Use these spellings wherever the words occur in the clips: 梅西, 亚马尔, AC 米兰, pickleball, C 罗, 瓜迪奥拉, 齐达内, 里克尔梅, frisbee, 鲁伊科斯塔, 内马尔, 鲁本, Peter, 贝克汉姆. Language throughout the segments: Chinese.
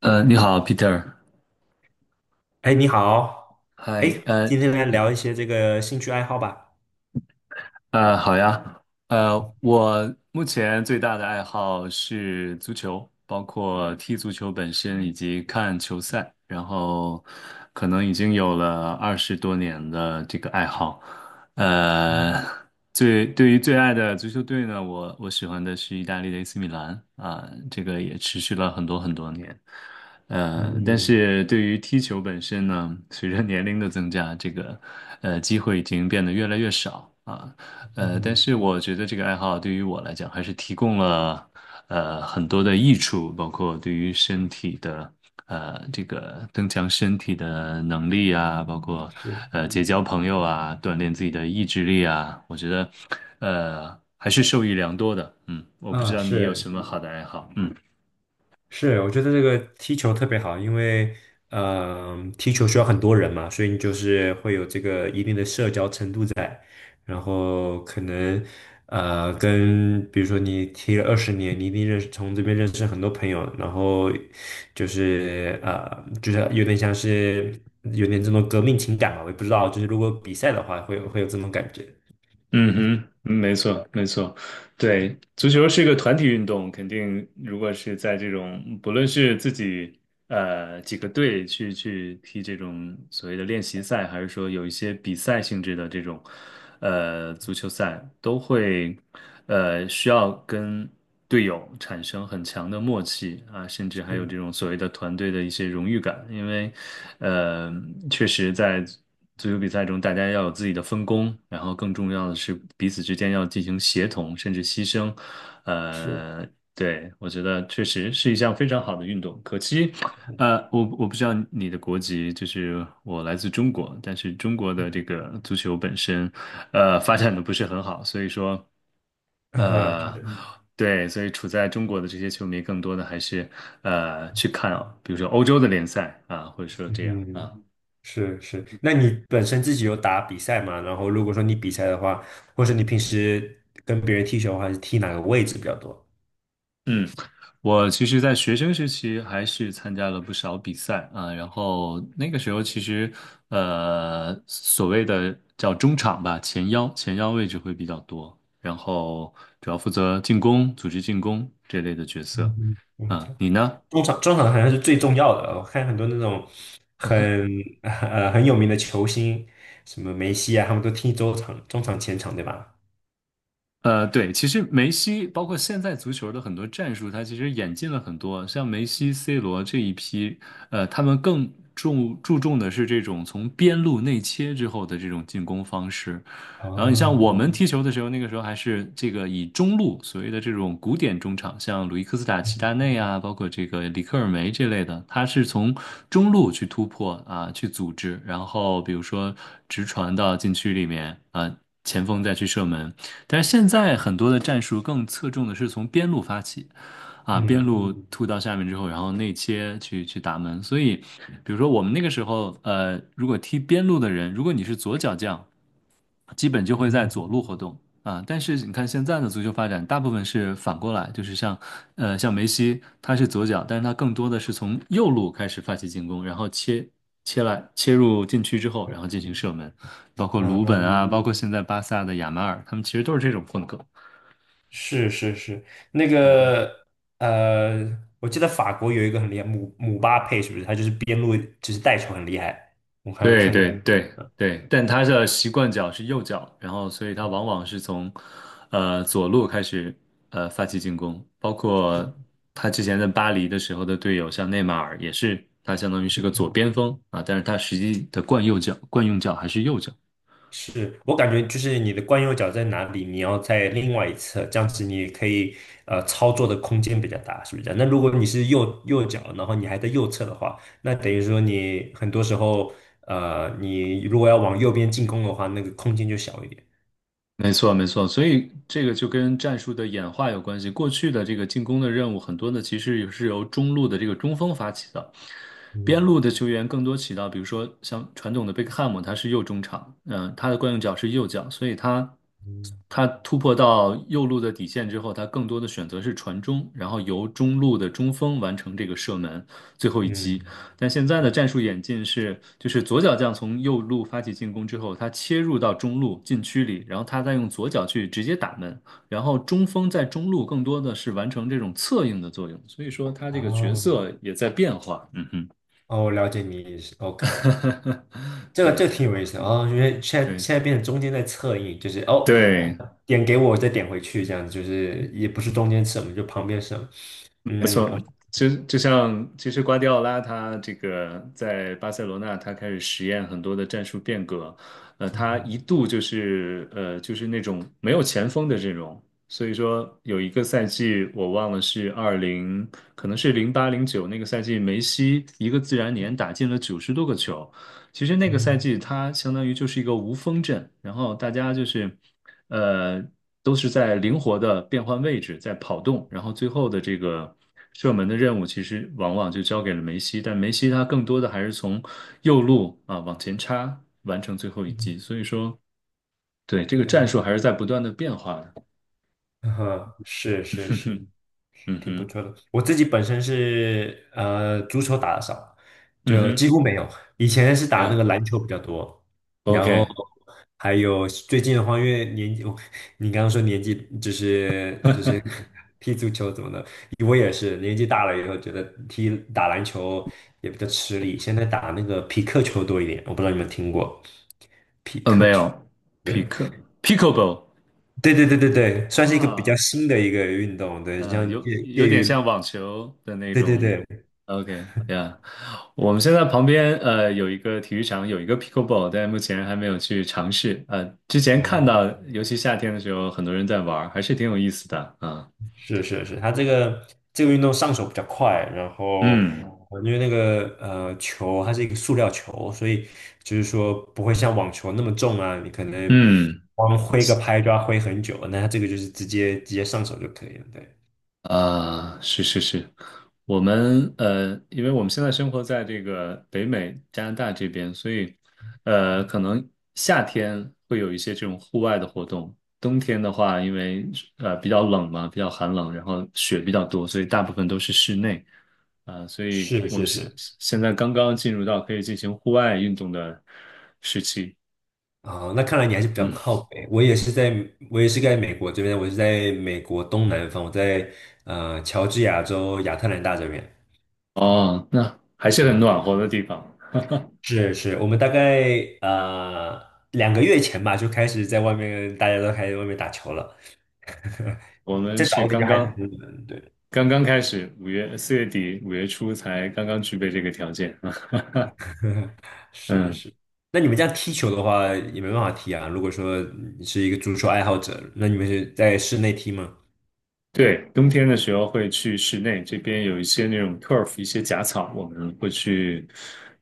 你好，Peter。哎，你好，哎，嗨，今天来聊一些这个兴趣爱好吧。好呀，我目前最大的爱好是足球，包括踢足球本身以及看球赛，然后可能已经有了20多年的这个爱好。呃，嗯对于最爱的足球队呢，我喜欢的是意大利的 AC 米兰啊，这个也持续了很多很多年。但嗯是对于踢球本身呢，随着年龄的增加，这个机会已经变得越来越少啊。但嗯，嗯是我觉得这个爱好对于我来讲，还是提供了很多的益处，包括对于身体的这个增强身体的能力啊，包括是，结交朋友啊，锻炼自己的意志力啊，我觉得还是受益良多的。嗯，我不知啊，道你有是，什么好的爱好。嗯。是，我觉得这个踢球特别好，因为踢球需要很多人嘛，所以你就是会有这个一定的社交程度在，然后可能跟比如说你踢了20年，你一定从这边认识很多朋友，然后就是有点像是有点这种革命情感吧，我也不知道，就是如果比赛的话，会有这种感觉，嗯哼，没错，没错，对，足球是一个团体运动，肯定如果是在这种，不论是自己几个队去踢这种所谓的练习赛，还是说有一些比赛性质的这种足球赛，都会需要跟队友产生很强的默契啊，甚至还有是这种所谓的团队的一些荣誉感，因为呃确实在。足球比赛中，大家要有自己的分工，然后更重要的是彼此之间要进行协同，甚至牺牲。是，呃，对，我觉得确实是一项非常好的运动。可惜，我不知道你的国籍，就是我来自中国，但是中国的这个足球本身，发展的不是很好，所以说，嗯呃，对对，所以处在中国的这些球迷，更多的还是去看啊，比如说欧洲的联赛啊，或者说嗯这样哼啊。是是，那你本身自己有打比赛吗？然后如果说你比赛的话，或者你平时跟别人踢球的话，是踢哪个位置比较多？嗯，我其实，在学生时期还是参加了不少比赛啊，然后那个时候其实，所谓的叫中场吧，前腰位置会比较多，然后主要负责进攻、组织进攻这类的角色。嗯嗯，啊，你呢？中场好像是最重要的。我看很多那种很很有名的球星，什么梅西啊，他们都踢中场前场，对吧？对，其实梅西包括现在足球的很多战术，他其实演进了很多。像梅西、C 罗这一批，他们更注重的是这种从边路内切之后的这种进攻方式。然后你像哦，我们踢球的时候，那个时候还是这个以中路所谓的这种古典中场，像鲁伊科斯塔、齐达内啊，包括这个里克尔梅这类的，他是从中路去突破啊，去组织，然后比如说直传到禁区里面啊，前锋再去射门。但是现在很多的战术更侧重的是从边路发起，啊，边嗯路突到下面之后，然后内切去打门。所以，比如说我们那个时候，如果踢边路的人，如果你是左脚将，基本就会在嗯。左路活动。啊，但是你看现在的足球发展，大部分是反过来，就是像梅西，他是左脚，但是他更多的是从右路开始发起进攻，然后切入禁区之后，然后进行射门，包括鲁本啊，嗯，包括现在巴萨的亚马尔，他们其实都是这种风格。是是是，那个呃，我记得法国有一个很厉害，姆巴佩是不是？他就是边路就是带球很厉害，我好像对看过。对嗯对对，但他的习惯脚是右脚，然后所以他往往是从左路开始发起进攻，包括他之前在巴黎的时候的队友，像内马尔也是，他相当于是个左嗯，边锋啊，但是他实际的惯用脚还是右脚。是我感觉就是你的惯用脚在哪里，你要在另外一侧，这样子你可以操作的空间比较大，是不是这样？那如果你是右脚，然后你还在右侧的话，那等于说你很多时候你如果要往右边进攻的话，那个空间就小一点。没错，没错，所以这个就跟战术的演化有关系。过去的这个进攻的任务，很多呢其实是由中路的这个中锋发起的，边嗯路的球员更多起到，比如说像传统的贝克汉姆，他是右中场，他的惯用脚是右脚，所以他嗯，他突破到右路的底线之后，他更多的选择是传中，然后由中路的中锋完成这个射门最后一击。嗯，但现在的战术演进是，就是左脚将从右路发起进攻之后，他切入到中路禁区里，然后他再用左脚去直接打门，然后中锋在中路更多的是完成这种策应的作用，所以说他这个角啊，色也在变化。嗯哼。哦，我了解你意思。OK OK,这个这对个挺有意思的哦，因为现在对现在变成中间在侧应，就是哦，对，点给我，我再点回去，这样子就是也不是中间什么，就旁边什么。没嗯，我错，就像其实瓜迪奥拉他这个在巴塞罗那，他开始实验很多的战术变革，嗯他嗯一度就是那种没有前锋的阵容，所以说有一个赛季我忘了是二零，可能是08/09那个赛季，梅西一个自然年打进了90多个球，其实那个赛嗯，季，它相当于就是一个无锋阵，然后大家就是，呃，都是在灵活的变换位置，在跑动，然后最后的这个射门的任务，其实往往就交给了梅西，但梅西他更多的还是从右路啊往前插，完成最后一嗯击。所以说，对，这个战术嗯还是在不断的变化的。是 是嗯是，哼，嗯挺不哼，错的。我自己本身是足球打的少，嗯就几哼，乎没有。以前是打那呀个篮球比较多，然后，OK，还有最近的话，因为年纪，我你刚刚说年纪就是 踢足球怎么的，我也是年纪大了以后觉得打篮球也比较吃力，现在打那个匹克球多一点，我不知道你们听过没有没有？，pick pickleball 对对对对对，算是一个比较啊。新的一个运动，对，像有介有介点于像网球的那对对种。对。OK，呀、我们现在旁边有一个体育场，有一个 pickleball，但目前还没有去尝试。之前看啊到，尤其夏天的时候，很多人在玩儿还是挺有意思的啊。是是是，他这个这个运动上手比较快，然后嗯因为那个球它是一个塑料球，所以就是说不会像网球那么重啊，你可能嗯。光挥个拍就要挥很久，那它这个就是直接上手就可以了。对，啊，是是是，我们因为我们现在生活在这个北美加拿大这边，所以可能夏天会有一些这种户外的活动，冬天的话，因为比较冷嘛，比较寒冷，然后雪比较多，所以大部分都是室内啊，所以是我们是现是，现在刚刚进入到可以进行户外运动的时期。啊、那看来你还是比较嗯，靠北，我也是在美国这边，我是在美国东南方，我在乔治亚州亚特兰大这边。哦，那还是很嗯。暖和的地方，是是，我们大概呃2个月前吧，就开始在外面，大家都开始外面打球了。我们再早是一点就刚还是刚。很冷，对，刚刚开始，4月底5月初才刚刚具备这个条件啊。是嗯是。那你们这样踢球的话，也没办法踢啊。如果说你是一个足球爱好者，那你们是在室内踢吗？对，冬天的时候会去室内，这边有一些那种 turf，一些假草，我们会去，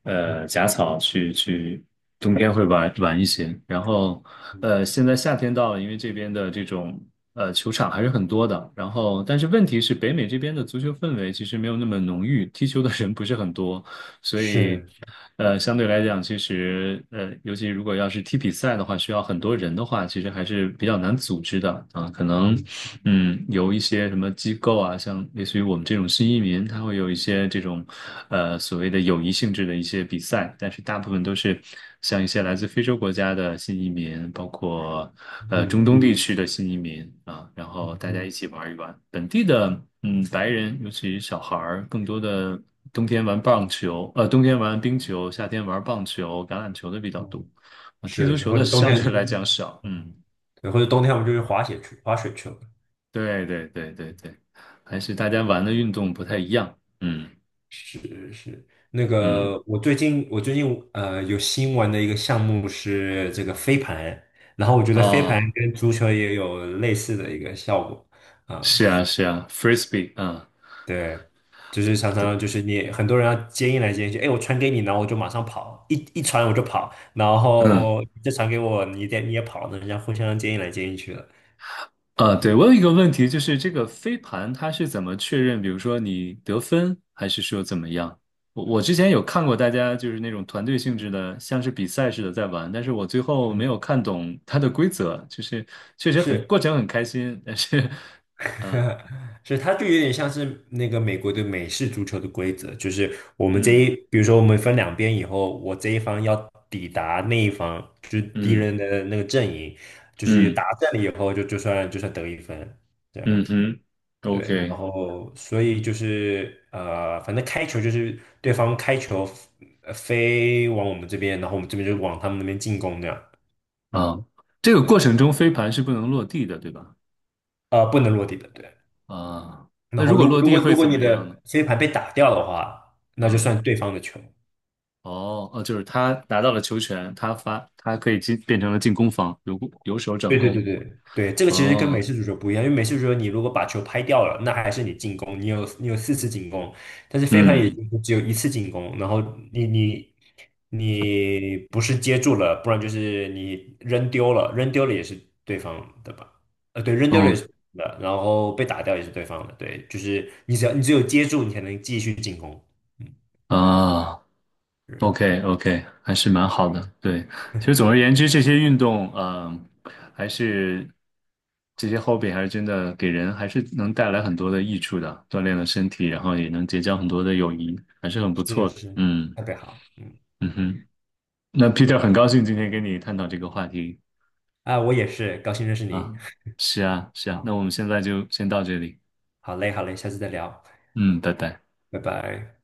假草去，冬天会玩玩一些。然后，现在夏天到了，因为这边的这种球场还是很多的。然后，但是问题是，北美这边的足球氛围其实没有那么浓郁，踢球的人不是很多，所以，是，相对来讲，其实尤其如果要是踢比赛的话，需要很多人的话，其实还是比较难组织的啊，可能。嗯嗯，有一些什么机构啊，像类似于我们这种新移民，他会有一些这种，所谓的友谊性质的一些比赛，但是大部分都是像一些来自非洲国家的新移民，包括嗯中东地区的新移民啊，然后嗯大家嗯，一起玩一玩。本地的白人，尤其小孩儿，更多的冬天玩冰球，夏天玩棒球、橄榄球的比较多，啊，踢足是是，球或的者冬相对天，来讲少，嗯。对，或者冬天我们就去滑雪去了。对对对对对，还是大家玩的运动不太一样。嗯是是，那嗯，嗯个我最近有新玩的一个项目是这个飞盘，然后我觉得飞盘哦，跟足球也有类似的一个效果啊，是啊是啊，frisbee 啊，对，就是常对，常就是你很多人要接应来接应去，哎，我传给你，然后我就马上跑，一传我就跑，然嗯后你再传给我，你得你也跑，那人家互相接应来接应去了，啊，对，我有一个问题，就是这个飞盘它是怎么确认？比如说你得分，还是说怎么样？我之前有看过大家就是那种团队性质的，像是比赛似的在玩，但是我最后没有看懂它的规则，就是确实很是。过程很开心，但是啊，所以它就有点像是那个美国的美式足球的规则，就是我 们这一，嗯比如说我们分两边以后，我这一方要抵达那一方，就是敌嗯人的那个阵营，就是嗯打阵了以后就就算得1分，这嗯样嗯哼。对，OK，然后所以就是反正开球就是对方开球飞往我们这边，然后我们这边就往他们那边进攻这样，啊，这个过对，程中飞盘是不能落地的，对吧？呃，不能落地的，对。啊，那然后如果如落如地果会如果怎你么样呢？的飞盘被打掉的话，那就啊，算对方的球。哦，哦，就是他拿到了球权，他发，他可以进，变成了进攻方，由守转对对攻。对对对，这个其实跟哦，美式足球不一样，因为美式足球你如果把球拍掉了，那还是你进攻，你有4次进攻，但是飞盘也嗯，就只有1次进攻，然后你你你不是接住了，不然就是你扔丢了，扔丢了也是对方的吧？呃，对，扔丢了也哦，是对方的，然后被打掉也是对方的，对，就是你只要你只有接住，你才能继续进攻。啊嗯，，OK，OK，还是蛮好的。对，其实总而言之，这些运动，还是这些 hobby 还是真的给人还是能带来很多的益处的，锻炼了身体，然后也能结交很多的友谊，还是很不是错的。是，嗯。特别好，嗯，嗯哼，那 Peter 很高兴今天跟你探讨这个话题啊，我也是，高兴认识你，啊，是啊，是啊，那好，我们现在就先到这里，好嘞，好嘞，下次再聊，嗯，拜拜。拜拜。